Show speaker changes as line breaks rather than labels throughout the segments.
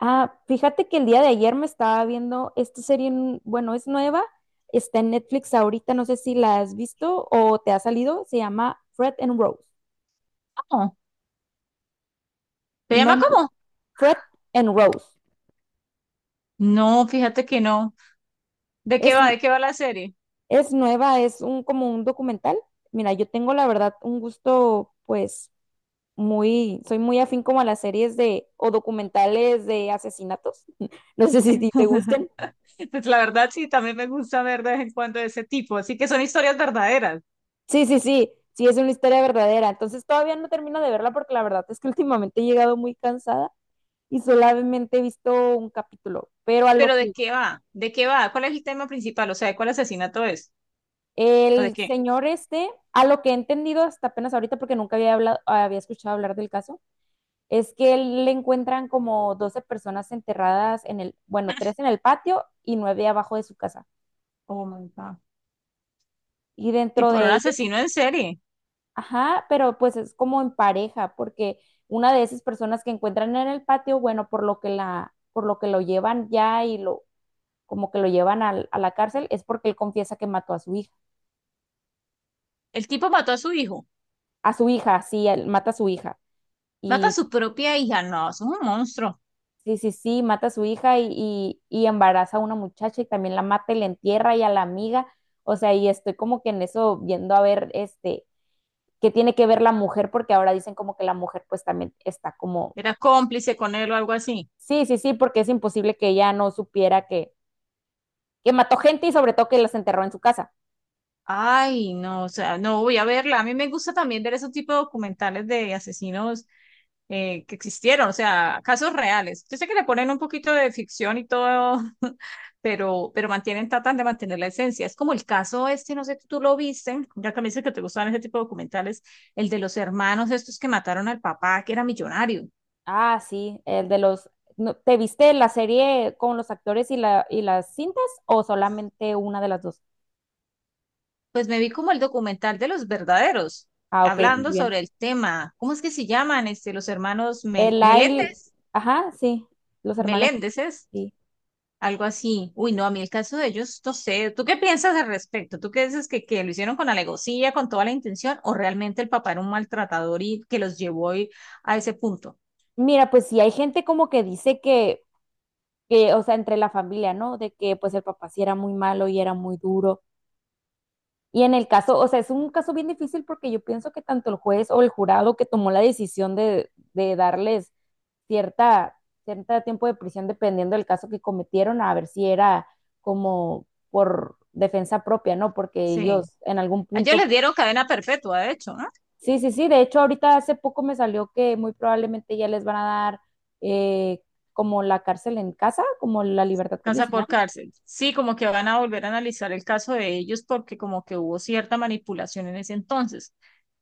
Ah, fíjate que el día de ayer me estaba viendo esta serie, bueno, es nueva, está en Netflix ahorita, no sé si la has visto o te ha salido, se llama Fred and Rose.
No. ¿Se
No,
llama
no,
cómo?
Fred and Rose.
No, fíjate que no. ¿De qué
Es,
va? ¿De qué va la serie?
es nueva, es un como un documental. Mira, yo tengo la verdad un gusto, pues, soy muy afín como a las series de, o documentales de asesinatos. No sé si te gusten.
Pues la verdad sí, también me gusta ver de vez en cuando de ese tipo, así que son historias verdaderas.
Sí, sí, sí, sí, es una historia verdadera. Entonces todavía no termino de verla porque la verdad es que últimamente he llegado muy cansada y solamente he visto un capítulo, pero a lo
Pero ¿de
que
qué va? ¿De qué va? ¿Cuál es el tema principal? O sea, ¿de cuál asesinato es? ¿O de
el
qué?
señor este, a lo que he entendido hasta apenas ahorita porque nunca había hablado, había escuchado hablar del caso, es que le encuentran como 12 personas enterradas en el, bueno, tres en el patio y nueve abajo de su casa.
Oh my God.
Y dentro
Tipo, era
de
un
ellas,
asesino en serie.
ajá, pero pues es como en pareja, porque una de esas personas que encuentran en el patio, bueno, por lo que la, por lo que lo llevan ya y lo, como que lo llevan a, la cárcel, es porque él confiesa que mató a su hija.
El tipo mató a su hijo.
A su hija, sí, él mata a su hija.
Mata a
Y
su propia hija. No, eso es un monstruo.
sí, sí, sí, mata a su hija y embaraza a una muchacha y también la mata y la entierra y a la amiga. O sea, y estoy como que en eso viendo a ver este qué tiene que ver la mujer, porque ahora dicen como que la mujer pues también está como.
Era cómplice con él o algo así.
Sí, sí, sí, porque es imposible que ella no supiera que mató gente y sobre todo que las enterró en su casa.
Ay, no, o sea, no voy a verla. A mí me gusta también ver ese tipo de documentales de asesinos que existieron, o sea, casos reales. Yo sé que le ponen un poquito de ficción y todo, pero mantienen, tratan de mantener la esencia. Es como el caso este, no sé si tú lo viste, ya que me dices que te gustan ese tipo de documentales, el de los hermanos estos que mataron al papá, que era millonario.
Ah, sí, el de los. ¿Te viste la serie con los actores y, la, y las cintas o solamente una de las dos?
Pues me vi como el documental de los verdaderos,
Ah, ok, muy
hablando
bien.
sobre el tema. ¿Cómo es que se llaman este, los hermanos
El Lyle,
Meléndez?
ajá, sí, los hermanos.
Meléndez.
Sí.
Algo así. Uy, no, a mí el caso de ellos, no sé. ¿Tú qué piensas al respecto? ¿Tú qué dices que lo hicieron con alegocía, con toda la intención, o realmente el papá era un maltratador y que los llevó ahí a ese punto?
Mira, pues sí, hay gente como que dice que, o sea, entre la familia, ¿no? De que pues el papá sí era muy malo y era muy duro. Y en el caso, o sea, es un caso bien difícil porque yo pienso que tanto el juez o el jurado que tomó la decisión de darles cierta, cierta tiempo de prisión dependiendo del caso que cometieron, a ver si era como por defensa propia, ¿no? Porque
Sí.
ellos en algún
A ellos
punto.
les dieron cadena perpetua, de hecho, ¿no?
Sí, sí, sí, de hecho ahorita hace poco me salió que muy probablemente ya les van a dar eh, como la cárcel en casa, como la libertad
Casa
condicional.
por cárcel. Sí, como que van a volver a analizar el caso de ellos porque como que hubo cierta manipulación en ese entonces.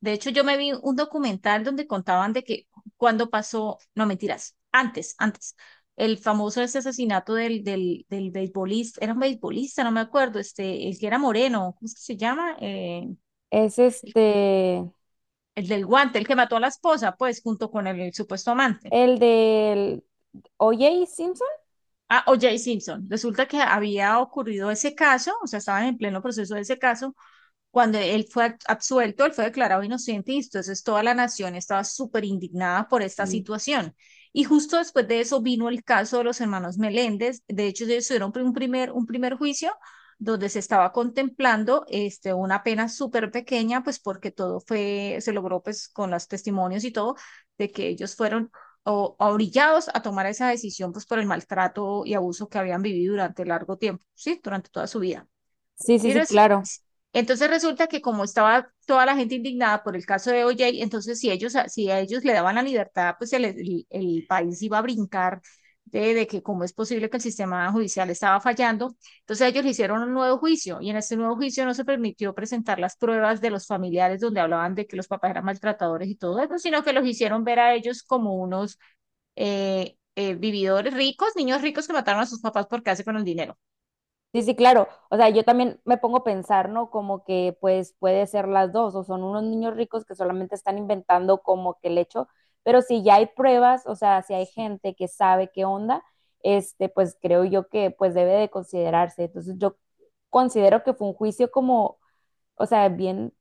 De hecho, yo me vi un documental donde contaban de que cuando pasó, no mentiras, antes, el famoso ese asesinato del beisbolista, era un beisbolista, no me acuerdo, este, el que era moreno, ¿cómo es que se llama?
Es este,
El del guante, el que mató a la esposa, pues, junto con el supuesto amante.
el del O.J. Simpson.
Ah, O.J. Simpson. Resulta que había ocurrido ese caso, o sea, estaban en pleno proceso de ese caso. Cuando él fue absuelto, él fue declarado inocente y entonces toda la nación estaba súper indignada por esta situación. Y justo después de eso vino el caso de los hermanos Meléndez. De hecho, ellos tuvieron un primer juicio donde se estaba contemplando este, una pena súper pequeña, pues porque todo fue, se logró pues con los testimonios y todo, de que ellos fueron orillados a tomar esa decisión pues por el maltrato y abuso que habían vivido durante largo tiempo, ¿sí? Durante toda su vida.
Sí, sí,
Y
sí,
res-
claro.
entonces resulta que como estaba toda la gente indignada por el caso de O.J., entonces si a ellos le daban la libertad, pues el país iba a brincar de que cómo es posible que el sistema judicial estaba fallando. Entonces ellos le hicieron un nuevo juicio y en este nuevo juicio no se permitió presentar las pruebas de los familiares donde hablaban de que los papás eran maltratadores y todo eso, sino que los hicieron ver a ellos como unos vividores ricos, niños ricos que mataron a sus papás por quedarse con el dinero.
Sí, sí, claro. O sea, yo también me pongo a pensar, ¿no? Como que pues puede ser las dos, o son unos niños ricos que solamente están inventando como que el hecho, pero si ya hay pruebas, o sea, si hay gente que sabe qué onda, este, pues creo yo que pues debe de considerarse. Entonces yo considero que fue un juicio como, o sea, bien,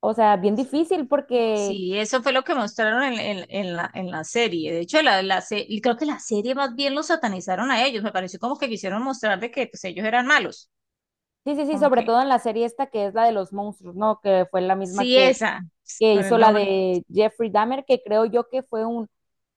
o sea, bien difícil porque,
Sí, eso fue lo que mostraron en la serie. De hecho, y creo que la serie más bien los satanizaron a ellos. Me pareció como que quisieron mostrar de que pues, ellos eran malos.
sí, sí, sí,
Como
sobre
que,
todo en la serie esta que es la de los monstruos, ¿no? Que fue la misma
sí,
que,
esa,
que
con
hizo
el
la
nombre.
de Jeffrey Dahmer, que creo yo que fue un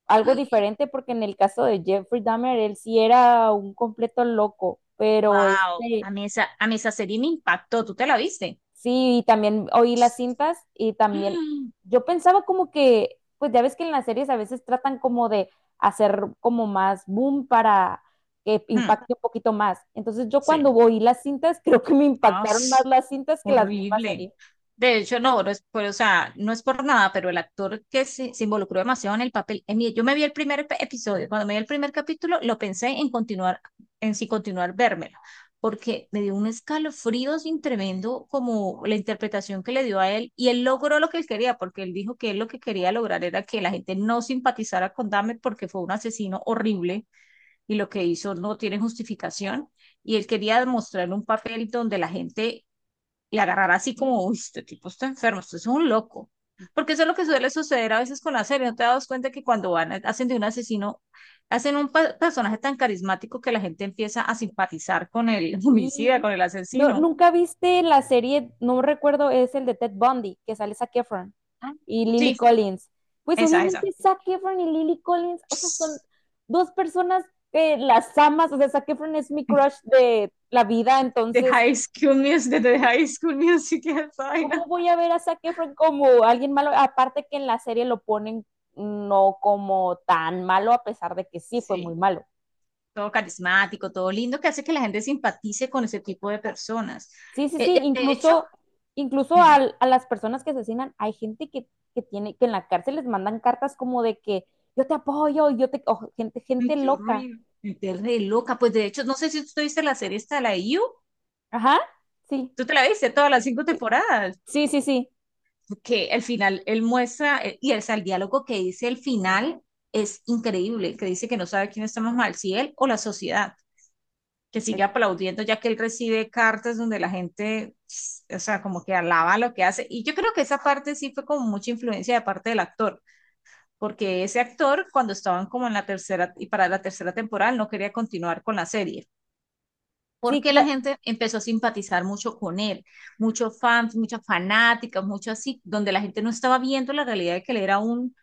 algo diferente porque en el caso de Jeffrey Dahmer, él sí era un completo loco, pero
Wow,
este,
a mí esa serie me impactó. ¿Tú te la viste?
sí, y también oí las cintas y también yo pensaba como que, pues ya ves que en las series a veces tratan como de hacer como más boom para que
Mm,
impacte un poquito más. Entonces yo cuando
sí.
oí las cintas, creo que me
Ah,
impactaron más
sí.
las cintas que las mismas
Horrible.
series.
De hecho, no, no es por, o sea, no es por nada, pero el actor que se involucró demasiado en el papel, yo me vi el primer episodio, cuando me vi el primer capítulo, lo pensé en continuar, en si continuar vérmelo, porque me dio un escalofrío sin tremendo como la interpretación que le dio a él, y él logró lo que él quería, porque él dijo que él lo que quería lograr era que la gente no simpatizara con Dahmer porque fue un asesino horrible y lo que hizo no tiene justificación y él quería demostrar un papel donde la gente le agarrará así como, uy, este tipo está enfermo, esto es un loco. Porque eso es lo que suele suceder a veces con las series. ¿No te das cuenta que cuando van, hacen de un asesino, hacen un personaje tan carismático que la gente empieza a simpatizar con el
Y
homicida, con el
no,
asesino?
nunca viste la serie, no recuerdo, es el de Ted Bundy, que sale Zac Efron
Ah,
y Lily
sí,
Collins. Pues
esa, esa.
obviamente Zac Efron y Lily Collins, o sea, son dos personas que las amas, o sea, Zac Efron es mi crush de la vida,
De
entonces,
High School Music, de High School Music, esa vaina.
¿cómo voy a ver a Zac Efron como alguien malo? Aparte que en la serie lo ponen no como tan malo, a pesar de que sí fue muy
Sí,
malo.
todo carismático, todo lindo, que hace que la gente simpatice con ese tipo de personas.
Sí, sí, sí,
De hecho,
incluso, incluso
dime.
al- a, las personas que asesinan, hay gente que tiene, que en la cárcel les mandan cartas como de que yo te apoyo, yo te, o gente,
Ay,
gente
qué
loca.
horrible. Te re loca. Pues de hecho, no sé si tú viste la serie esta de la IU.
Ajá, sí,
Tú te la viste todas las cinco temporadas.
sí, sí, sí.
Porque al final él muestra, y el diálogo que dice el final es increíble, que dice que no sabe quién está más mal, si él o la sociedad, que
Eh,
sigue aplaudiendo ya que él recibe cartas donde la gente, o sea, como que alaba lo que hace. Y yo creo que esa parte sí fue como mucha influencia de parte del actor, porque ese actor cuando estaban como en la tercera y para la tercera temporada él no quería continuar con la serie
Sí,
porque la gente empezó a simpatizar mucho con él, muchos fans, muchas fanáticas, mucho así, donde la gente no estaba viendo la realidad de que él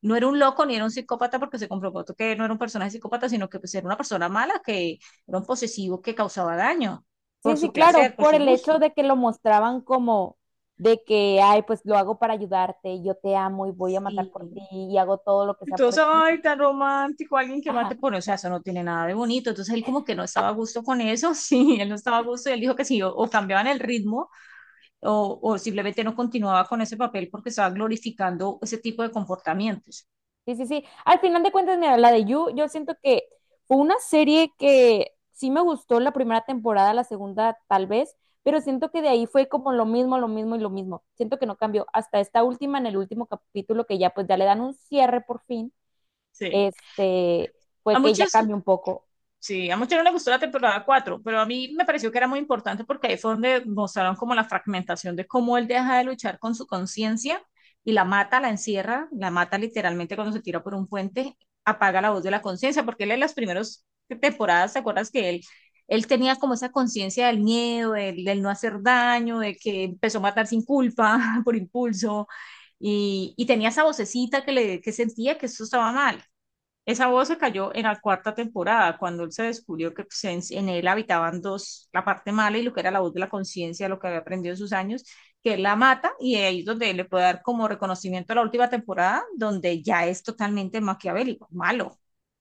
no era un loco ni era un psicópata porque se comprobó que no era un personaje psicópata, sino que pues, era una persona mala, que era un posesivo que causaba daño por
sí, sí,
su
claro,
placer, por
por
su
el
gusto.
hecho de que lo mostraban como de que, ay, pues lo hago para ayudarte, yo te amo y voy a matar
Sí.
por ti y hago todo lo que sea por
Entonces,
ti.
ay, tan romántico, alguien que
Ajá,
mate por, o sea, eso no tiene nada de bonito. Entonces él como que no estaba a gusto con eso, sí, él no estaba a gusto y él dijo que si o cambiaban el ritmo o simplemente no continuaba con ese papel porque estaba glorificando ese tipo de comportamientos.
sí, sí, sí. Al final de cuentas, mira, la de You, yo siento que fue una serie que sí me gustó la primera temporada, la segunda tal vez, pero siento que de ahí fue como lo mismo y lo mismo. Siento que no cambió hasta esta última, en el último capítulo que ya pues ya le dan un cierre por fin
Sí.
este,
A
fue que ya
muchas
cambió un poco.
Sí, a muchos no les gustó la temporada 4, pero a mí me pareció que era muy importante porque ahí fue donde mostraron como la fragmentación de cómo él deja de luchar con su conciencia y la mata, la encierra, la mata literalmente cuando se tira por un puente, apaga la voz de la conciencia, porque él en las primeras temporadas, ¿te acuerdas que él tenía como esa conciencia del miedo, del no hacer daño, de que empezó a matar sin culpa, por impulso, y tenía esa vocecita que sentía que eso estaba mal, esa voz se cayó en la cuarta temporada, cuando él se descubrió que pues, en él habitaban dos, la parte mala y lo que era la voz de la conciencia, lo que había aprendido en sus años, que él la mata y ahí es donde le puede dar como reconocimiento a la última temporada, donde ya es totalmente maquiavélico, malo.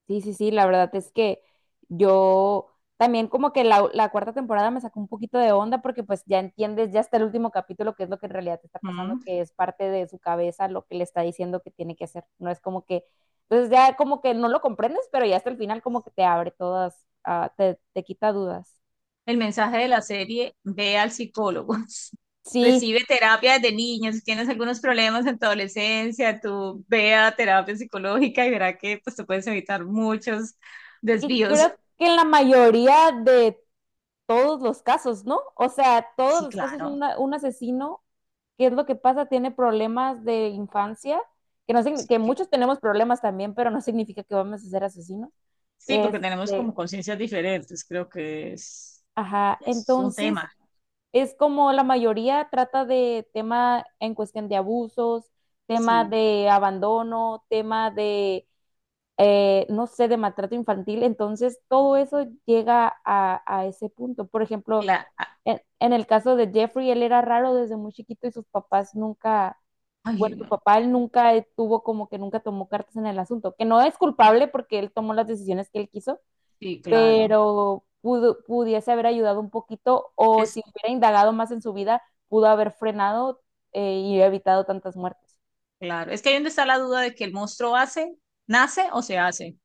Sí, sí, sí, la verdad es que yo también como que la cuarta temporada me sacó un poquito de onda porque pues ya entiendes, ya está el último capítulo, que es lo que en realidad te está pasando,
¿Mm?
que es parte de su cabeza lo que le está diciendo que tiene que hacer. No es como que, entonces ya como que no lo comprendes, pero ya hasta el final como que te abre todas, ah, te quita dudas.
El mensaje de la serie, ve al psicólogo.
Sí,
Recibe terapia desde niño, si tienes algunos problemas en tu adolescencia, tú ve a terapia psicológica y verá que pues te puedes evitar muchos
y creo
desvíos.
que en la mayoría de todos los casos, ¿no? O sea, todos
Sí,
los casos,
claro.
un asesino, ¿qué es lo que pasa? Tiene problemas de infancia, que, no,
Sí,
que muchos tenemos problemas también, pero no significa que vamos a ser asesinos.
sí, porque tenemos
Este,
como conciencias diferentes, creo que es,
ajá,
es un
entonces
tema.
es como la mayoría trata de tema en cuestión de abusos, tema
Sí,
de abandono, tema de, no sé, de maltrato infantil, entonces todo eso llega a ese punto. Por ejemplo,
claro.
en el caso de Jeffrey, él era raro desde muy chiquito y sus papás nunca,
Ay,
bueno, su
no.
papá él nunca tuvo como que nunca tomó cartas en el asunto, que no es culpable porque él tomó las decisiones que él quiso,
Sí, claro.
pero pudo, pudiese haber ayudado un poquito o si
Es
hubiera indagado más en su vida, pudo haber frenado y evitado tantas muertes.
claro. Es que ahí donde está la duda de que el monstruo hace, nace o se hace.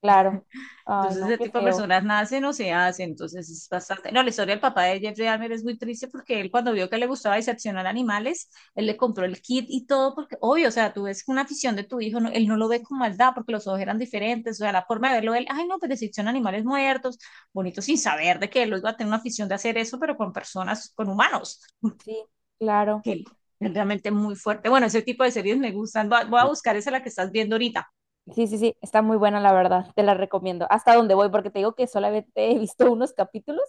Claro. Ay,
Entonces,
no,
ese
qué
tipo de
feo.
personas nacen o se hacen. Entonces, es bastante. No, la historia del papá de Jeffrey Dahmer es muy triste porque él, cuando vio que le gustaba diseccionar animales, él le compró el kit y todo, porque, obvio, o sea, tú ves una afición de tu hijo, él no lo ve con maldad porque los ojos eran diferentes. O sea, la forma de verlo, él, ay, no, pues disecciona animales muertos, bonito, sin saber de que él iba a tener una afición de hacer eso, pero con personas, con humanos,
Sí, claro.
que él- es realmente muy fuerte. Bueno, ese tipo de series me gustan. Voy a buscar esa la que estás viendo ahorita.
Sí, sí, sí, está muy buena la verdad, te la recomiendo. Hasta donde voy, porque te digo que solamente he visto unos capítulos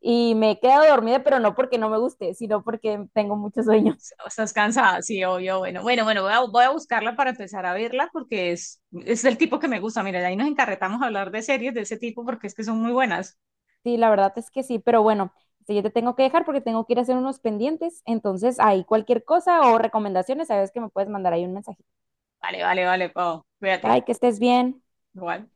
y me he quedado dormida, pero no porque no me guste, sino porque tengo mucho sueño.
Estás cansada, sí, obvio. Bueno, bueno, bueno, voy a buscarla para empezar a verla porque es el tipo que me gusta. Mira, de ahí nos encarretamos a hablar de series de ese tipo porque es que son muy buenas.
Sí, la verdad es que sí, pero bueno, este, yo te tengo que dejar porque tengo que ir a hacer unos pendientes, entonces ahí cualquier cosa o recomendaciones, sabes que me puedes mandar ahí un mensajito.
Vale, vale, vale, Pau. Cuídate.
Bye, que estés bien.
Igual.